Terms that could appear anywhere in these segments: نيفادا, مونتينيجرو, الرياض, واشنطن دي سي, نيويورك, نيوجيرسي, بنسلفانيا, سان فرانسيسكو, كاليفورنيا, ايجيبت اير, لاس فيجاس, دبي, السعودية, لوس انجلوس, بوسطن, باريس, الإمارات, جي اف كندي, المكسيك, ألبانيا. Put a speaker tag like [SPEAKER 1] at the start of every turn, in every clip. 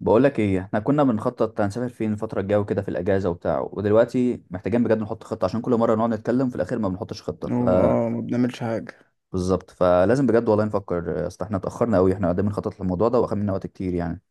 [SPEAKER 1] بقول لك ايه، احنا كنا بنخطط هنسافر فين الفتره الجايه وكده في الاجازه وبتاع، ودلوقتي محتاجين بجد نحط خطه، عشان كل مره نقعد نتكلم في الاخير ما بنحطش خطه. ف
[SPEAKER 2] ما بنعملش حاجة.
[SPEAKER 1] بالظبط، فلازم بجد والله نفكر، اصل احنا اتاخرنا قوي، احنا قاعدين بنخطط للموضوع ده واخد منا وقت كتير يعني.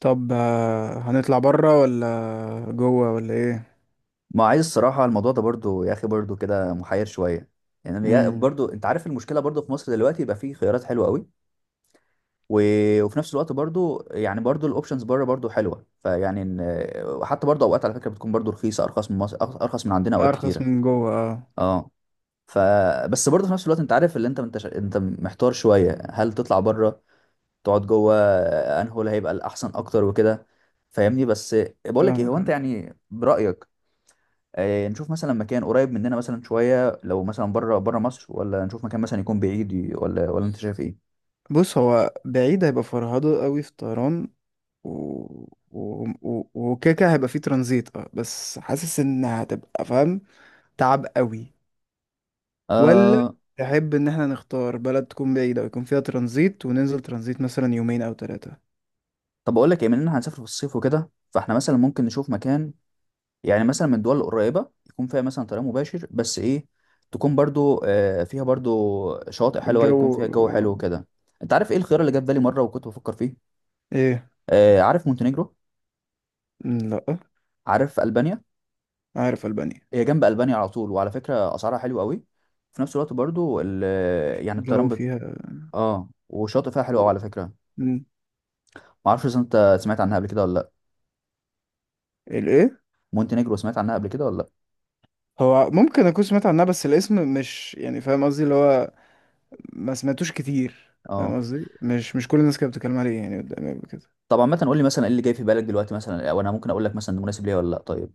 [SPEAKER 2] طب، هنطلع برا ولا جوه ولا ايه؟
[SPEAKER 1] ما عايز الصراحه الموضوع ده برضو يا اخي برضو كده محير شويه.
[SPEAKER 2] امم.
[SPEAKER 1] برضو انت عارف المشكله، برضو في مصر دلوقتي يبقى فيه خيارات حلوه قوي. و... وفي نفس الوقت برضو يعني برضو الاوبشنز بره برضو حلوه، وحتى برضو اوقات على فكره بتكون برضو رخيصه، ارخص من مصر، ارخص من عندنا اوقات
[SPEAKER 2] ارخص
[SPEAKER 1] كتيره.
[SPEAKER 2] من جوه اه.
[SPEAKER 1] اه. ف بس برضه في نفس الوقت انت عارف اللي انت محتار شويه، هل تطلع بره تقعد جوه؟ انهو اللي هيبقى الاحسن اكتر وكده؟ فاهمني بس. بقول لك ايه، هو
[SPEAKER 2] فاهمك
[SPEAKER 1] انت
[SPEAKER 2] انا.
[SPEAKER 1] يعني برايك، نشوف مثلا مكان قريب مننا مثلا شويه، لو مثلا بره مصر، ولا نشوف مكان مثلا يكون بعيد، ولا انت شايف ايه؟
[SPEAKER 2] بص، هو بعيد هيبقى فرهضة قوي في الطيران. و... وكيكة هيبقى فيه ترانزيت اه، بس حاسس ان هتبقى فاهم تعب قوي. ولا
[SPEAKER 1] آه.
[SPEAKER 2] تحب ان احنا نختار بلد تكون بعيدة ويكون فيها ترانزيت وننزل ترانزيت مثلا يومين او 3؟
[SPEAKER 1] طب اقول لك ايه، مننا هنسافر في الصيف وكده، فاحنا مثلا ممكن نشوف مكان، يعني مثلا من الدول القريبة، يكون فيها مثلا طريق مباشر، بس ايه، تكون برضو فيها برضو شواطئ حلوة،
[SPEAKER 2] الجو،
[SPEAKER 1] يكون فيها جو
[SPEAKER 2] آه،
[SPEAKER 1] حلو كده. انت عارف ايه الخيار اللي جه في بالي مرة وكنت بفكر فيه؟
[SPEAKER 2] ايه؟
[SPEAKER 1] عارف مونتينيجرو؟
[SPEAKER 2] مم، لا.
[SPEAKER 1] عارف ألبانيا؟
[SPEAKER 2] عارف ألبانيا.
[SPEAKER 1] هي جنب ألبانيا على طول، وعلى فكرة أسعارها حلوة قوي. في نفس الوقت برضو يعني
[SPEAKER 2] الجو فيها.
[SPEAKER 1] اه، وشاطئ فيها حلو قوي على فكرة. ما اعرفش اذا انت سمعت عنها قبل كده ولا لا؟
[SPEAKER 2] الايه؟
[SPEAKER 1] مونتينيجرو، سمعت عنها قبل كده ولا لا؟
[SPEAKER 2] هو ممكن اكون سمعت عنها بس الاسم مش يعني فاهم قصدي اللي هو ما سمعتوش كتير،
[SPEAKER 1] اه.
[SPEAKER 2] فاهم قصدي، مش مش كل الناس كانت بتتكلم عليه يعني قدامي قبل كده.
[SPEAKER 1] طبعا، مثلا قول لي مثلا ايه اللي جاي في بالك دلوقتي مثلا، وانا ممكن اقول لك مثلا ده مناسب ليا ولا لا، طيب؟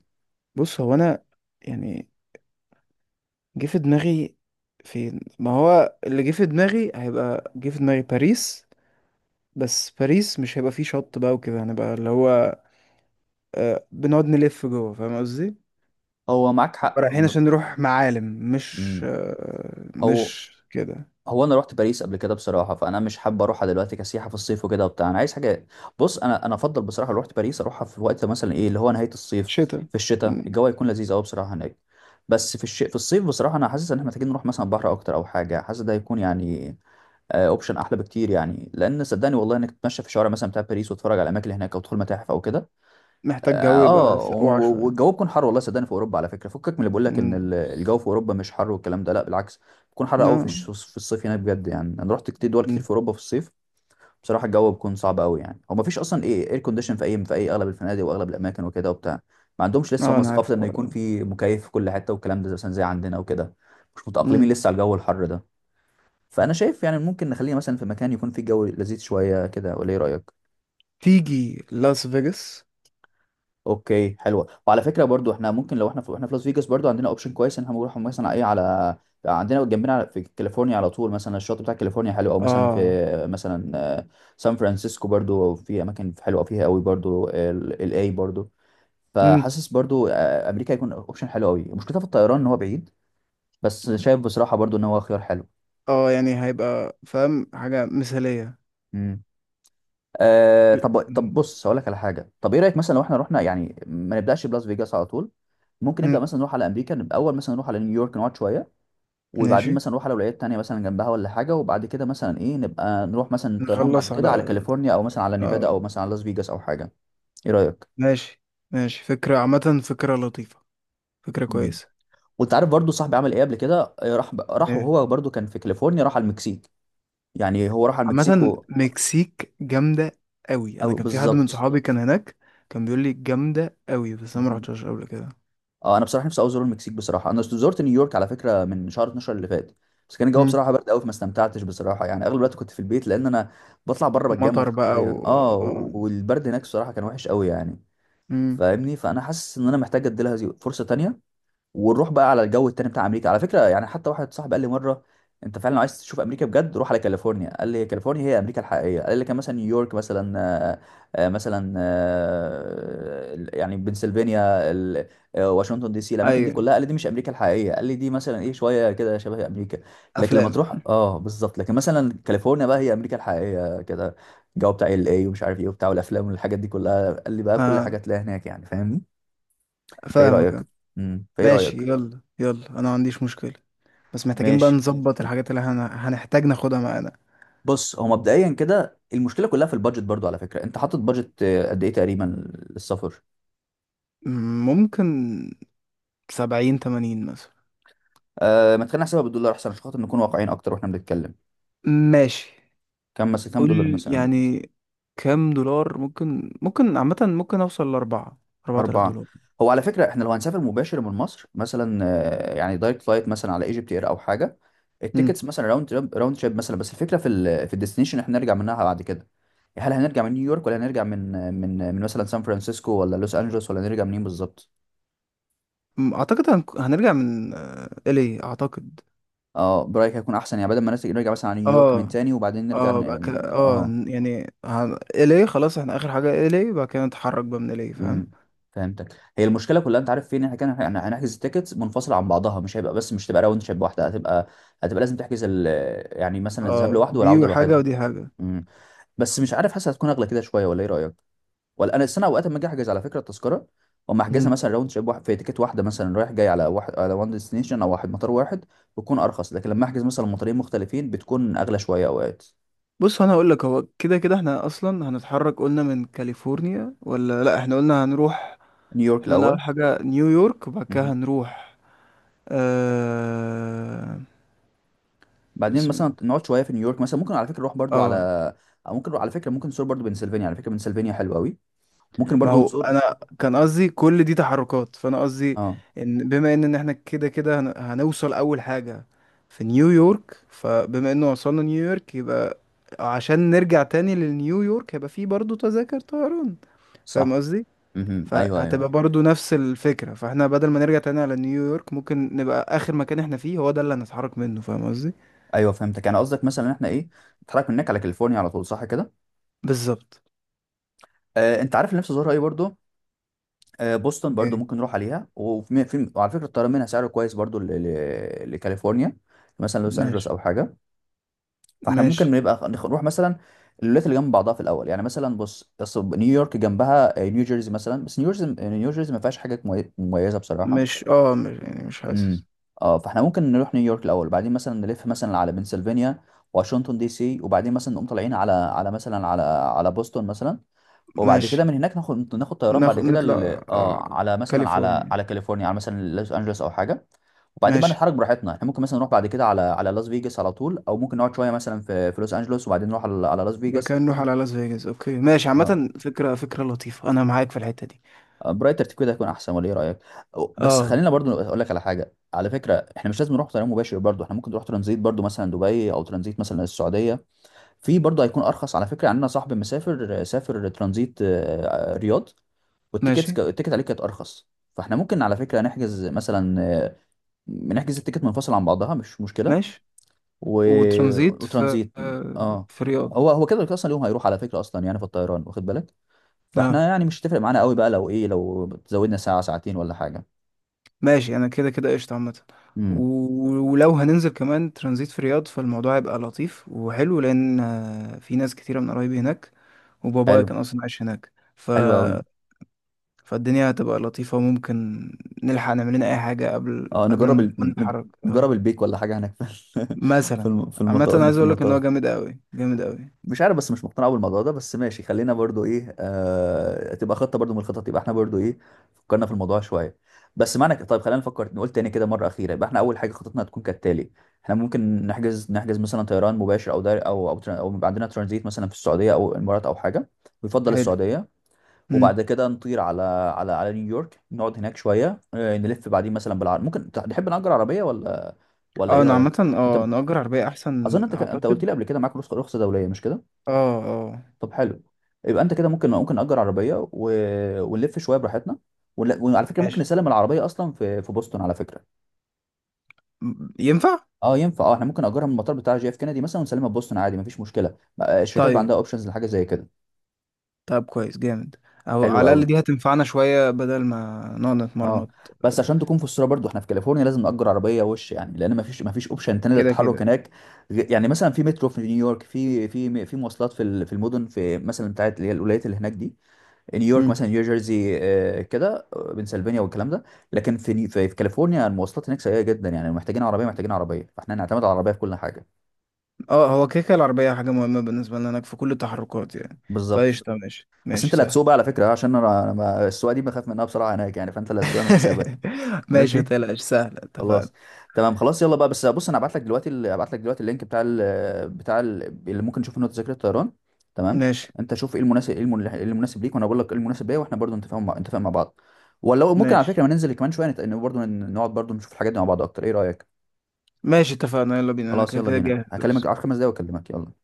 [SPEAKER 2] بص، هو انا يعني جه في دماغي فين. ما هو اللي جه في دماغي هيبقى جه في دماغي باريس. بس باريس مش هيبقى فيه شط بقى وكده، هنبقى اللي هو بنقعد نلف جوه، فاهم قصدي.
[SPEAKER 1] هو معاك حق
[SPEAKER 2] نبقى رايحين
[SPEAKER 1] ب...
[SPEAKER 2] عشان نروح معالم، مش
[SPEAKER 1] مم.
[SPEAKER 2] آه،
[SPEAKER 1] هو
[SPEAKER 2] مش كده.
[SPEAKER 1] انا رحت باريس قبل كده بصراحه، فانا مش حابب اروحها دلوقتي كسياحه في الصيف وكده وبتاع، انا عايز حاجه. بص، انا افضل بصراحه، لو رحت باريس اروحها في وقت مثلا ايه اللي هو نهايه الصيف،
[SPEAKER 2] شتا.
[SPEAKER 1] في الشتاء
[SPEAKER 2] مم.
[SPEAKER 1] الجو هيكون لذيذ قوي بصراحه هناك. بس في الصيف بصراحه انا حاسس ان احنا محتاجين نروح مثلا بحر اكتر او حاجه. حاسس ده هيكون يعني اوبشن احلى بكتير، يعني لان صدقني والله انك تتمشى في شوارع مثلا بتاع باريس، وتتفرج على الاماكن اللي هناك، او تدخل متاحف او كده. اه.
[SPEAKER 2] محتاج جو يبقى سقوعة شوية.
[SPEAKER 1] والجو بيكون حر والله، صدقني في اوروبا على فكره. فكك من اللي بيقول لك ان
[SPEAKER 2] مم.
[SPEAKER 1] الجو في اوروبا مش حر والكلام ده، لا بالعكس، بيكون حر قوي
[SPEAKER 2] لا.
[SPEAKER 1] في الصيف هناك بجد. يعني انا رحت كتير دول كتير
[SPEAKER 2] مم.
[SPEAKER 1] في اوروبا في الصيف، بصراحه الجو بيكون صعب قوي. يعني هو ما فيش اصلا ايه اير كونديشن في اي، في اي اغلب الفنادق واغلب الاماكن وكده وبتاع. ما عندهمش لسه
[SPEAKER 2] اه،
[SPEAKER 1] هم
[SPEAKER 2] انا عارف
[SPEAKER 1] ثقافه انه
[SPEAKER 2] الحوار
[SPEAKER 1] يكون
[SPEAKER 2] ده.
[SPEAKER 1] في مكيف في كل حته والكلام ده، مثلا زي عندنا وكده. مش متاقلمين
[SPEAKER 2] مم.
[SPEAKER 1] لسه على الجو الحر ده. فانا شايف يعني ممكن نخلينا مثلا في مكان يكون فيه جو لذيذ شويه كده، ولا ايه رايك؟
[SPEAKER 2] تيجي لاس فيجاس.
[SPEAKER 1] اوكي، حلوه. وعلى فكره برضو احنا ممكن لو احنا في لاس فيجاس، برضو عندنا اوبشن كويس ان احنا نروح مثلا ايه، على عندنا جنبنا في كاليفورنيا على طول، مثلا الشاطئ بتاع كاليفورنيا حلو، او مثلا في
[SPEAKER 2] اه.
[SPEAKER 1] مثلا آه، سان فرانسيسكو برضو في اماكن حلوه فيها قوي، برضو الاي برضو.
[SPEAKER 2] مم.
[SPEAKER 1] فحاسس برضو امريكا هيكون اوبشن حلو قوي. مشكلتها في الطيران ان هو بعيد، بس شايف بصراحه برضو ان هو خيار
[SPEAKER 2] اه، يعني هيبقى فاهم حاجة مثالية.
[SPEAKER 1] حلو. آه، طب
[SPEAKER 2] مم.
[SPEAKER 1] بص هقول لك على حاجه، طب ايه رايك مثلا لو احنا رحنا، يعني ما نبداش بلاس فيجاس على طول، ممكن نبدا
[SPEAKER 2] مم.
[SPEAKER 1] مثلا نروح على امريكا، نبقى اول مثلا نروح على نيويورك نقعد شويه، وبعدين
[SPEAKER 2] ماشي،
[SPEAKER 1] مثلا نروح على ولايات تانية مثلا جنبها ولا حاجه، وبعد كده مثلا ايه، نبقى نروح مثلا طيران بعد
[SPEAKER 2] نخلص
[SPEAKER 1] كده على
[SPEAKER 2] على
[SPEAKER 1] كاليفورنيا، او مثلا على نيفادا،
[SPEAKER 2] اه
[SPEAKER 1] او مثلا على لاس فيجاس او حاجه. ايه رايك؟
[SPEAKER 2] ماشي. ماشي، فكرة عامة، فكرة لطيفة، فكرة
[SPEAKER 1] مم.
[SPEAKER 2] كويسة.
[SPEAKER 1] وانت عارف برضو صاحبي عمل ايه قبل كده؟ راح
[SPEAKER 2] إيه.
[SPEAKER 1] وهو برضو كان في كاليفورنيا، راح على المكسيك. يعني هو راح على المكسيك
[SPEAKER 2] عامة، مكسيك جامدة قوي. انا
[SPEAKER 1] او
[SPEAKER 2] كان في حد من
[SPEAKER 1] بالظبط.
[SPEAKER 2] صحابي كان هناك، كان بيقول لي جامدة قوي بس انا ما رحتش قبل كده.
[SPEAKER 1] اه انا بصراحه نفسي أوي ازور المكسيك. بصراحه انا زرت نيويورك على فكره من شهر 12 اللي فات، بس كان الجو
[SPEAKER 2] مم.
[SPEAKER 1] بصراحه برد قوي، فما استمتعتش بصراحه. يعني اغلب الوقت كنت في البيت، لان انا بطلع بره بتجمد
[SPEAKER 2] مطر بقى. و
[SPEAKER 1] حرفيا، اه.
[SPEAKER 2] آه.
[SPEAKER 1] والبرد هناك بصراحه كان وحش قوي يعني.
[SPEAKER 2] مم.
[SPEAKER 1] فاهمني، فانا حاسس ان انا محتاج ادي لها فرصه تانية. ونروح بقى على الجو التاني بتاع امريكا على فكره. يعني حتى واحد صاحبي قال لي مره، انت فعلا لو عايز تشوف امريكا بجد روح على كاليفورنيا. قال لي كاليفورنيا هي امريكا الحقيقيه. قال لي كان مثلا نيويورك مثلا مثلا يعني بنسلفانيا واشنطن دي سي، الاماكن دي
[SPEAKER 2] ايوه،
[SPEAKER 1] كلها قال لي دي مش امريكا الحقيقيه. قال لي دي مثلا ايه، شويه كده شبه امريكا. لكن لما
[SPEAKER 2] افلام.
[SPEAKER 1] تروح، اه بالظبط، لكن مثلا كاليفورنيا بقى، هي امريكا الحقيقيه كده، الجو بتاع ال اي ومش عارف ايه وبتاع والافلام والحاجات دي كلها، قال لي بقى كل حاجه
[SPEAKER 2] اه،
[SPEAKER 1] تلاقيها هناك، يعني فاهمني. فايه
[SPEAKER 2] فاهمك،
[SPEAKER 1] رايك؟
[SPEAKER 2] آه.
[SPEAKER 1] فايه
[SPEAKER 2] ماشي،
[SPEAKER 1] رايك؟
[SPEAKER 2] يلا يلا، انا ما عنديش مشكلة. بس محتاجين بقى
[SPEAKER 1] ماشي.
[SPEAKER 2] نظبط الحاجات اللي هنحتاج ناخدها معانا.
[SPEAKER 1] بص، هو مبدئيا كده المشكله كلها في البادجت برضو على فكره. انت حاطط بادجت قد ايه تقريبا للسفر؟
[SPEAKER 2] ممكن. 70 80 مثلا.
[SPEAKER 1] آه، ما تخلينا نحسبها بالدولار احسن، عشان خاطر نكون واقعيين اكتر واحنا بنتكلم.
[SPEAKER 2] ماشي.
[SPEAKER 1] كم مثلا، كم دولار
[SPEAKER 2] قول
[SPEAKER 1] مثلا؟
[SPEAKER 2] يعني كام دولار. ممكن، عامة ممكن اوصل أربعة آلاف
[SPEAKER 1] اربعه.
[SPEAKER 2] دولار
[SPEAKER 1] هو على فكره احنا لو هنسافر مباشر من مصر مثلا، يعني دايركت فلايت مثلا على ايجيبت اير او حاجه،
[SPEAKER 2] مم.
[SPEAKER 1] التيكتس مثلا راوند تريب مثلا، بس الفكره في في الديستنيشن احنا هنرجع منها بعد كده. هل هنرجع من نيويورك، ولا هنرجع من مثلا سان فرانسيسكو، ولا لوس انجلوس، ولا هنرجع منين بالظبط؟
[SPEAKER 2] أعتقد هنرجع من إلي أعتقد.
[SPEAKER 1] اه برايك هيكون احسن، يعني بدل ما نرجع مثلا على نيويورك من
[SPEAKER 2] اه،
[SPEAKER 1] تاني، وبعدين
[SPEAKER 2] اه بقى كده، اه
[SPEAKER 1] اه.
[SPEAKER 2] يعني إلي، خلاص احنا آخر حاجة إلي، بقى كده نتحرك بقى من إلي، فاهم.
[SPEAKER 1] امم. فهمتك. هي المشكله كلها انت عارف فين، احنا كان هنحجز التيكتس منفصله عن بعضها، مش هيبقى بس مش تبقى راوند شيب واحده، هتبقى لازم يعني مثلا الذهاب
[SPEAKER 2] اه،
[SPEAKER 1] لوحده والعوده
[SPEAKER 2] دي حاجة
[SPEAKER 1] لوحدها.
[SPEAKER 2] ودي حاجة.
[SPEAKER 1] امم. بس مش عارف، حاسس هتكون اغلى كده شويه، ولا ايه رايك؟ ولا انا السنه اوقات لما اجي احجز على فكره التذكره، اما احجزها مثلا راوند شيب واحد في تيكت واحده مثلا، رايح جاي على واحد، على وان ديستنيشن، او واحد، مطار واحد، بتكون ارخص. لكن لما احجز مثلا مطارين مختلفين بتكون اغلى شويه اوقات.
[SPEAKER 2] بص انا هقول لك، هو كده كده احنا اصلا هنتحرك. قلنا من كاليفورنيا ولا لا؟ احنا قلنا هنروح.
[SPEAKER 1] نيويورك
[SPEAKER 2] احنا قلنا اول
[SPEAKER 1] الاول.
[SPEAKER 2] حاجه نيويورك وبعد كده
[SPEAKER 1] مهم.
[SPEAKER 2] هنروح. آه...
[SPEAKER 1] بعدين
[SPEAKER 2] بسم الله.
[SPEAKER 1] مثلا نقعد شويه في نيويورك، مثلا ممكن على فكره نروح برضو على،
[SPEAKER 2] اه،
[SPEAKER 1] أو ممكن على فكره ممكن نزور برضو بنسلفانيا، على فكره بنسلفانيا حلوه قوي. ممكن
[SPEAKER 2] ما
[SPEAKER 1] برضو
[SPEAKER 2] هو
[SPEAKER 1] نزور.
[SPEAKER 2] انا كان قصدي كل دي تحركات، فانا قصدي
[SPEAKER 1] اه
[SPEAKER 2] بما إن احنا كده كده هنوصل اول حاجه في نيويورك، فبما انه وصلنا نيويورك يبقى عشان نرجع تاني لنيويورك هيبقى فيه برضه تذاكر طيران، فاهم
[SPEAKER 1] صح.
[SPEAKER 2] قصدي.
[SPEAKER 1] امم، ايوه ايوه.
[SPEAKER 2] فهتبقى برضو نفس الفكرة، فاحنا بدل ما نرجع تاني على نيويورك ممكن نبقى آخر مكان احنا فيه هو ده اللي هنتحرك منه، فاهم قصدي؟
[SPEAKER 1] ايوه فهمتك، انا قصدك مثلا ان احنا ايه، نتحرك من هناك على كاليفورنيا على طول صح كده.
[SPEAKER 2] بالظبط.
[SPEAKER 1] آه. انت عارف اللي نفسي ازورها ايه برضو؟ آه بوسطن، برضو
[SPEAKER 2] يعني،
[SPEAKER 1] ممكن نروح عليها. وفي في وعلى فكره الطيران منها سعره كويس برضو لكاليفورنيا، مثلا لوس انجلوس
[SPEAKER 2] ماشي،
[SPEAKER 1] او حاجه. فاحنا
[SPEAKER 2] ماشي.
[SPEAKER 1] ممكن نبقى نروح مثلا الولايات اللي جنب بعضها في الاول. يعني مثلا بص، أصل نيويورك جنبها نيوجيرسي مثلا، بس نيوجيرسي، ما فيهاش حاجه مميزه بصراحه.
[SPEAKER 2] مش يعني مش
[SPEAKER 1] امم.
[SPEAKER 2] حاسس.
[SPEAKER 1] اه، فاحنا ممكن نروح نيويورك الاول، بعدين مثلا نلف مثلا على بنسلفانيا، واشنطن دي سي، وبعدين مثلا نقوم طالعين على مثلا على بوسطن مثلا، وبعد
[SPEAKER 2] ماشي،
[SPEAKER 1] كده من هناك ناخد طيران بعد كده
[SPEAKER 2] نطلع آه.
[SPEAKER 1] اه على مثلا
[SPEAKER 2] كاليفورنيا.
[SPEAKER 1] على كاليفورنيا، على مثلا لوس انجلوس او حاجه. وبعدين بقى
[SPEAKER 2] ماشي،
[SPEAKER 1] نتحرك براحتنا، احنا ممكن مثلا نروح بعد كده على لاس فيجاس على طول، او ممكن نقعد شويه مثلا في لوس انجلوس، وبعدين نروح على، على لاس
[SPEAKER 2] يبقى
[SPEAKER 1] فيجاس.
[SPEAKER 2] كده نروح على لاس فيجاس. اوكي، ماشي،
[SPEAKER 1] اه.
[SPEAKER 2] عامة، فكرة لطيفة، انا معاك في الحتة دي.
[SPEAKER 1] براي ترتيب كده هيكون احسن، ولا ايه رايك؟ بس
[SPEAKER 2] اه،
[SPEAKER 1] خلينا برضو اقول لك على حاجه، على فكره احنا مش لازم نروح طيران مباشر، برضو احنا ممكن نروح ترانزيت برضو مثلا دبي، او ترانزيت مثلا السعوديه. في برضو هيكون ارخص على فكره، عندنا صاحب مسافر سافر ترانزيت رياض،
[SPEAKER 2] ماشي،
[SPEAKER 1] التيكت عليه كانت ارخص. فاحنا ممكن على فكره نحجز مثلا، آه، نحجز التيكت منفصل عن بعضها مش مشكله.
[SPEAKER 2] ماشي.
[SPEAKER 1] و...
[SPEAKER 2] وترانزيت في
[SPEAKER 1] وترانزيت
[SPEAKER 2] آه،
[SPEAKER 1] اه.
[SPEAKER 2] في رياض.
[SPEAKER 1] هو هو كده كده اصلا اليوم هيروح على فكره اصلا، يعني في الطيران واخد بالك،
[SPEAKER 2] اه،
[SPEAKER 1] فاحنا يعني مش هتفرق معانا قوي بقى لو ايه، لو زودنا ساعه ساعتين ولا حاجه.
[SPEAKER 2] ماشي. انا كده كده قشطة عامة.
[SPEAKER 1] امم.
[SPEAKER 2] ولو هننزل كمان ترانزيت في الرياض، فالموضوع هيبقى لطيف وحلو، لان في ناس كتيرة من قرايبي هناك، وبابايا
[SPEAKER 1] حلو،
[SPEAKER 2] كان اصلا عايش هناك.
[SPEAKER 1] حلو قوي.
[SPEAKER 2] فالدنيا هتبقى لطيفة، وممكن نلحق نعمل لنا اي حاجة قبل
[SPEAKER 1] اه،
[SPEAKER 2] قبل ما ما نتحرك
[SPEAKER 1] نجرب
[SPEAKER 2] آه،
[SPEAKER 1] البيك ولا حاجه هناك في الم... في
[SPEAKER 2] مثلا.
[SPEAKER 1] في
[SPEAKER 2] عامة،
[SPEAKER 1] المطار
[SPEAKER 2] أنا
[SPEAKER 1] هنا،
[SPEAKER 2] عايز
[SPEAKER 1] في
[SPEAKER 2] اقول لك ان هو
[SPEAKER 1] المطار.
[SPEAKER 2] جامد قوي جامد قوي.
[SPEAKER 1] مش عارف، بس مش مقتنع أوي بالموضوع ده، بس ماشي خلينا برضو ايه، آه، تبقى خطه برضو من الخطط، يبقى احنا برضو ايه، فكرنا في الموضوع شويه. بس طيب خلينا نفكر نقول تاني كده مره اخيره، يبقى احنا اول حاجه خطتنا هتكون كالتالي: احنا ممكن نحجز مثلا طيران مباشر، او دار او او يبقى عندنا ترانزيت مثلا في السعوديه، او الامارات، او حاجه، ويفضل
[SPEAKER 2] حلو.
[SPEAKER 1] السعوديه.
[SPEAKER 2] امم.
[SPEAKER 1] وبعد كده نطير على نيويورك، نقعد هناك شويه، نلف بعدين مثلا بالعربيه. ممكن نحب نأجر عربيه، ولا، ولا
[SPEAKER 2] اه،
[SPEAKER 1] ايه
[SPEAKER 2] انا
[SPEAKER 1] رايك؟
[SPEAKER 2] عامة
[SPEAKER 1] انت،
[SPEAKER 2] نأجر عربية
[SPEAKER 1] اظن
[SPEAKER 2] احسن،
[SPEAKER 1] انت انت قلت
[SPEAKER 2] اعتقد.
[SPEAKER 1] لي قبل كده معاك رخصه، رخصة دوليه مش كده؟
[SPEAKER 2] اه، اه،
[SPEAKER 1] طب حلو، يبقى انت كده ممكن، ممكن نأجر عربيه ونلف شويه براحتنا. وعلى فكره ممكن
[SPEAKER 2] ماشي.
[SPEAKER 1] نسلم العربيه اصلا في بوسطن على فكره.
[SPEAKER 2] ينفع.
[SPEAKER 1] اه ينفع، اه احنا ممكن نأجرها من المطار بتاع جي اف كندي مثلا، ونسلمها في بوسطن عادي مفيش مشكله، بقى الشركات بقى
[SPEAKER 2] طيب.
[SPEAKER 1] عندها اوبشنز لحاجه زي كده.
[SPEAKER 2] طب كويس جامد. او
[SPEAKER 1] حلو
[SPEAKER 2] على
[SPEAKER 1] قوي.
[SPEAKER 2] الاقل دي هتنفعنا شويه بدل ما نقعد
[SPEAKER 1] اه.
[SPEAKER 2] نتمرمط.
[SPEAKER 1] بس عشان تكون في الصوره برضو، احنا في كاليفورنيا لازم نأجر عربيه وش، يعني لان مفيش، اوبشن تاني
[SPEAKER 2] كده
[SPEAKER 1] للتحرك
[SPEAKER 2] كده.
[SPEAKER 1] هناك. يعني مثلا في مترو في نيويورك، في مواصلات في المدن في مثلا بتاعت اللي هي الولايات اللي هناك دي، نيويورك
[SPEAKER 2] مم.
[SPEAKER 1] مثلا، نيو جيرسي كده، بنسلفانيا والكلام ده. لكن في ني- في في كاليفورنيا المواصلات هناك سيئه جدا، يعني محتاجين عربيه، محتاجين عربيه، فاحنا هنعتمد على العربيه في كل حاجه.
[SPEAKER 2] اه، هو كده كده العربيه حاجه مهمه بالنسبه لنا هناك في كل التحركات يعني.
[SPEAKER 1] بالظبط.
[SPEAKER 2] فقشطه، ماشي،
[SPEAKER 1] بس انت
[SPEAKER 2] ماشي،
[SPEAKER 1] اللي
[SPEAKER 2] سهل.
[SPEAKER 1] هتسوق بقى على فكره، عشان انا، أنا ما- السواقه دي بخاف منها بصراحه هناك، يعني فانت اللي هتسوق من حسابك.
[SPEAKER 2] ماشي،
[SPEAKER 1] ماشي.
[SPEAKER 2] متقلقش، سهل، اتفقنا.
[SPEAKER 1] خلاص. تمام، خلاص، يلا بقى، بس بص، انا هبعت لك دلوقتي هبعت لك دلوقتي اللينك بتاع ال اللي ممكن نشوف منه تذاكر الطيران، تمام؟
[SPEAKER 2] ماشي.
[SPEAKER 1] انت شوف ايه المناسب، ايه إيه المناسب ليك، وانا بقول لك ايه المناسب ليا، واحنا برضو نتفاهم نتفق مع بعض. ولو ممكن على
[SPEAKER 2] ماشي.
[SPEAKER 1] فكره ما ننزل كمان شويه نت... إن برضو نقعد برضو نشوف الحاجات دي مع بعض اكتر، ايه رايك؟
[SPEAKER 2] ماشي، اتفقنا، يلا بينا، انا
[SPEAKER 1] خلاص،
[SPEAKER 2] كده
[SPEAKER 1] يلا
[SPEAKER 2] كده
[SPEAKER 1] بينا، هكلمك
[SPEAKER 2] جاهز.
[SPEAKER 1] على خمس دقايق واكلمك، يلا.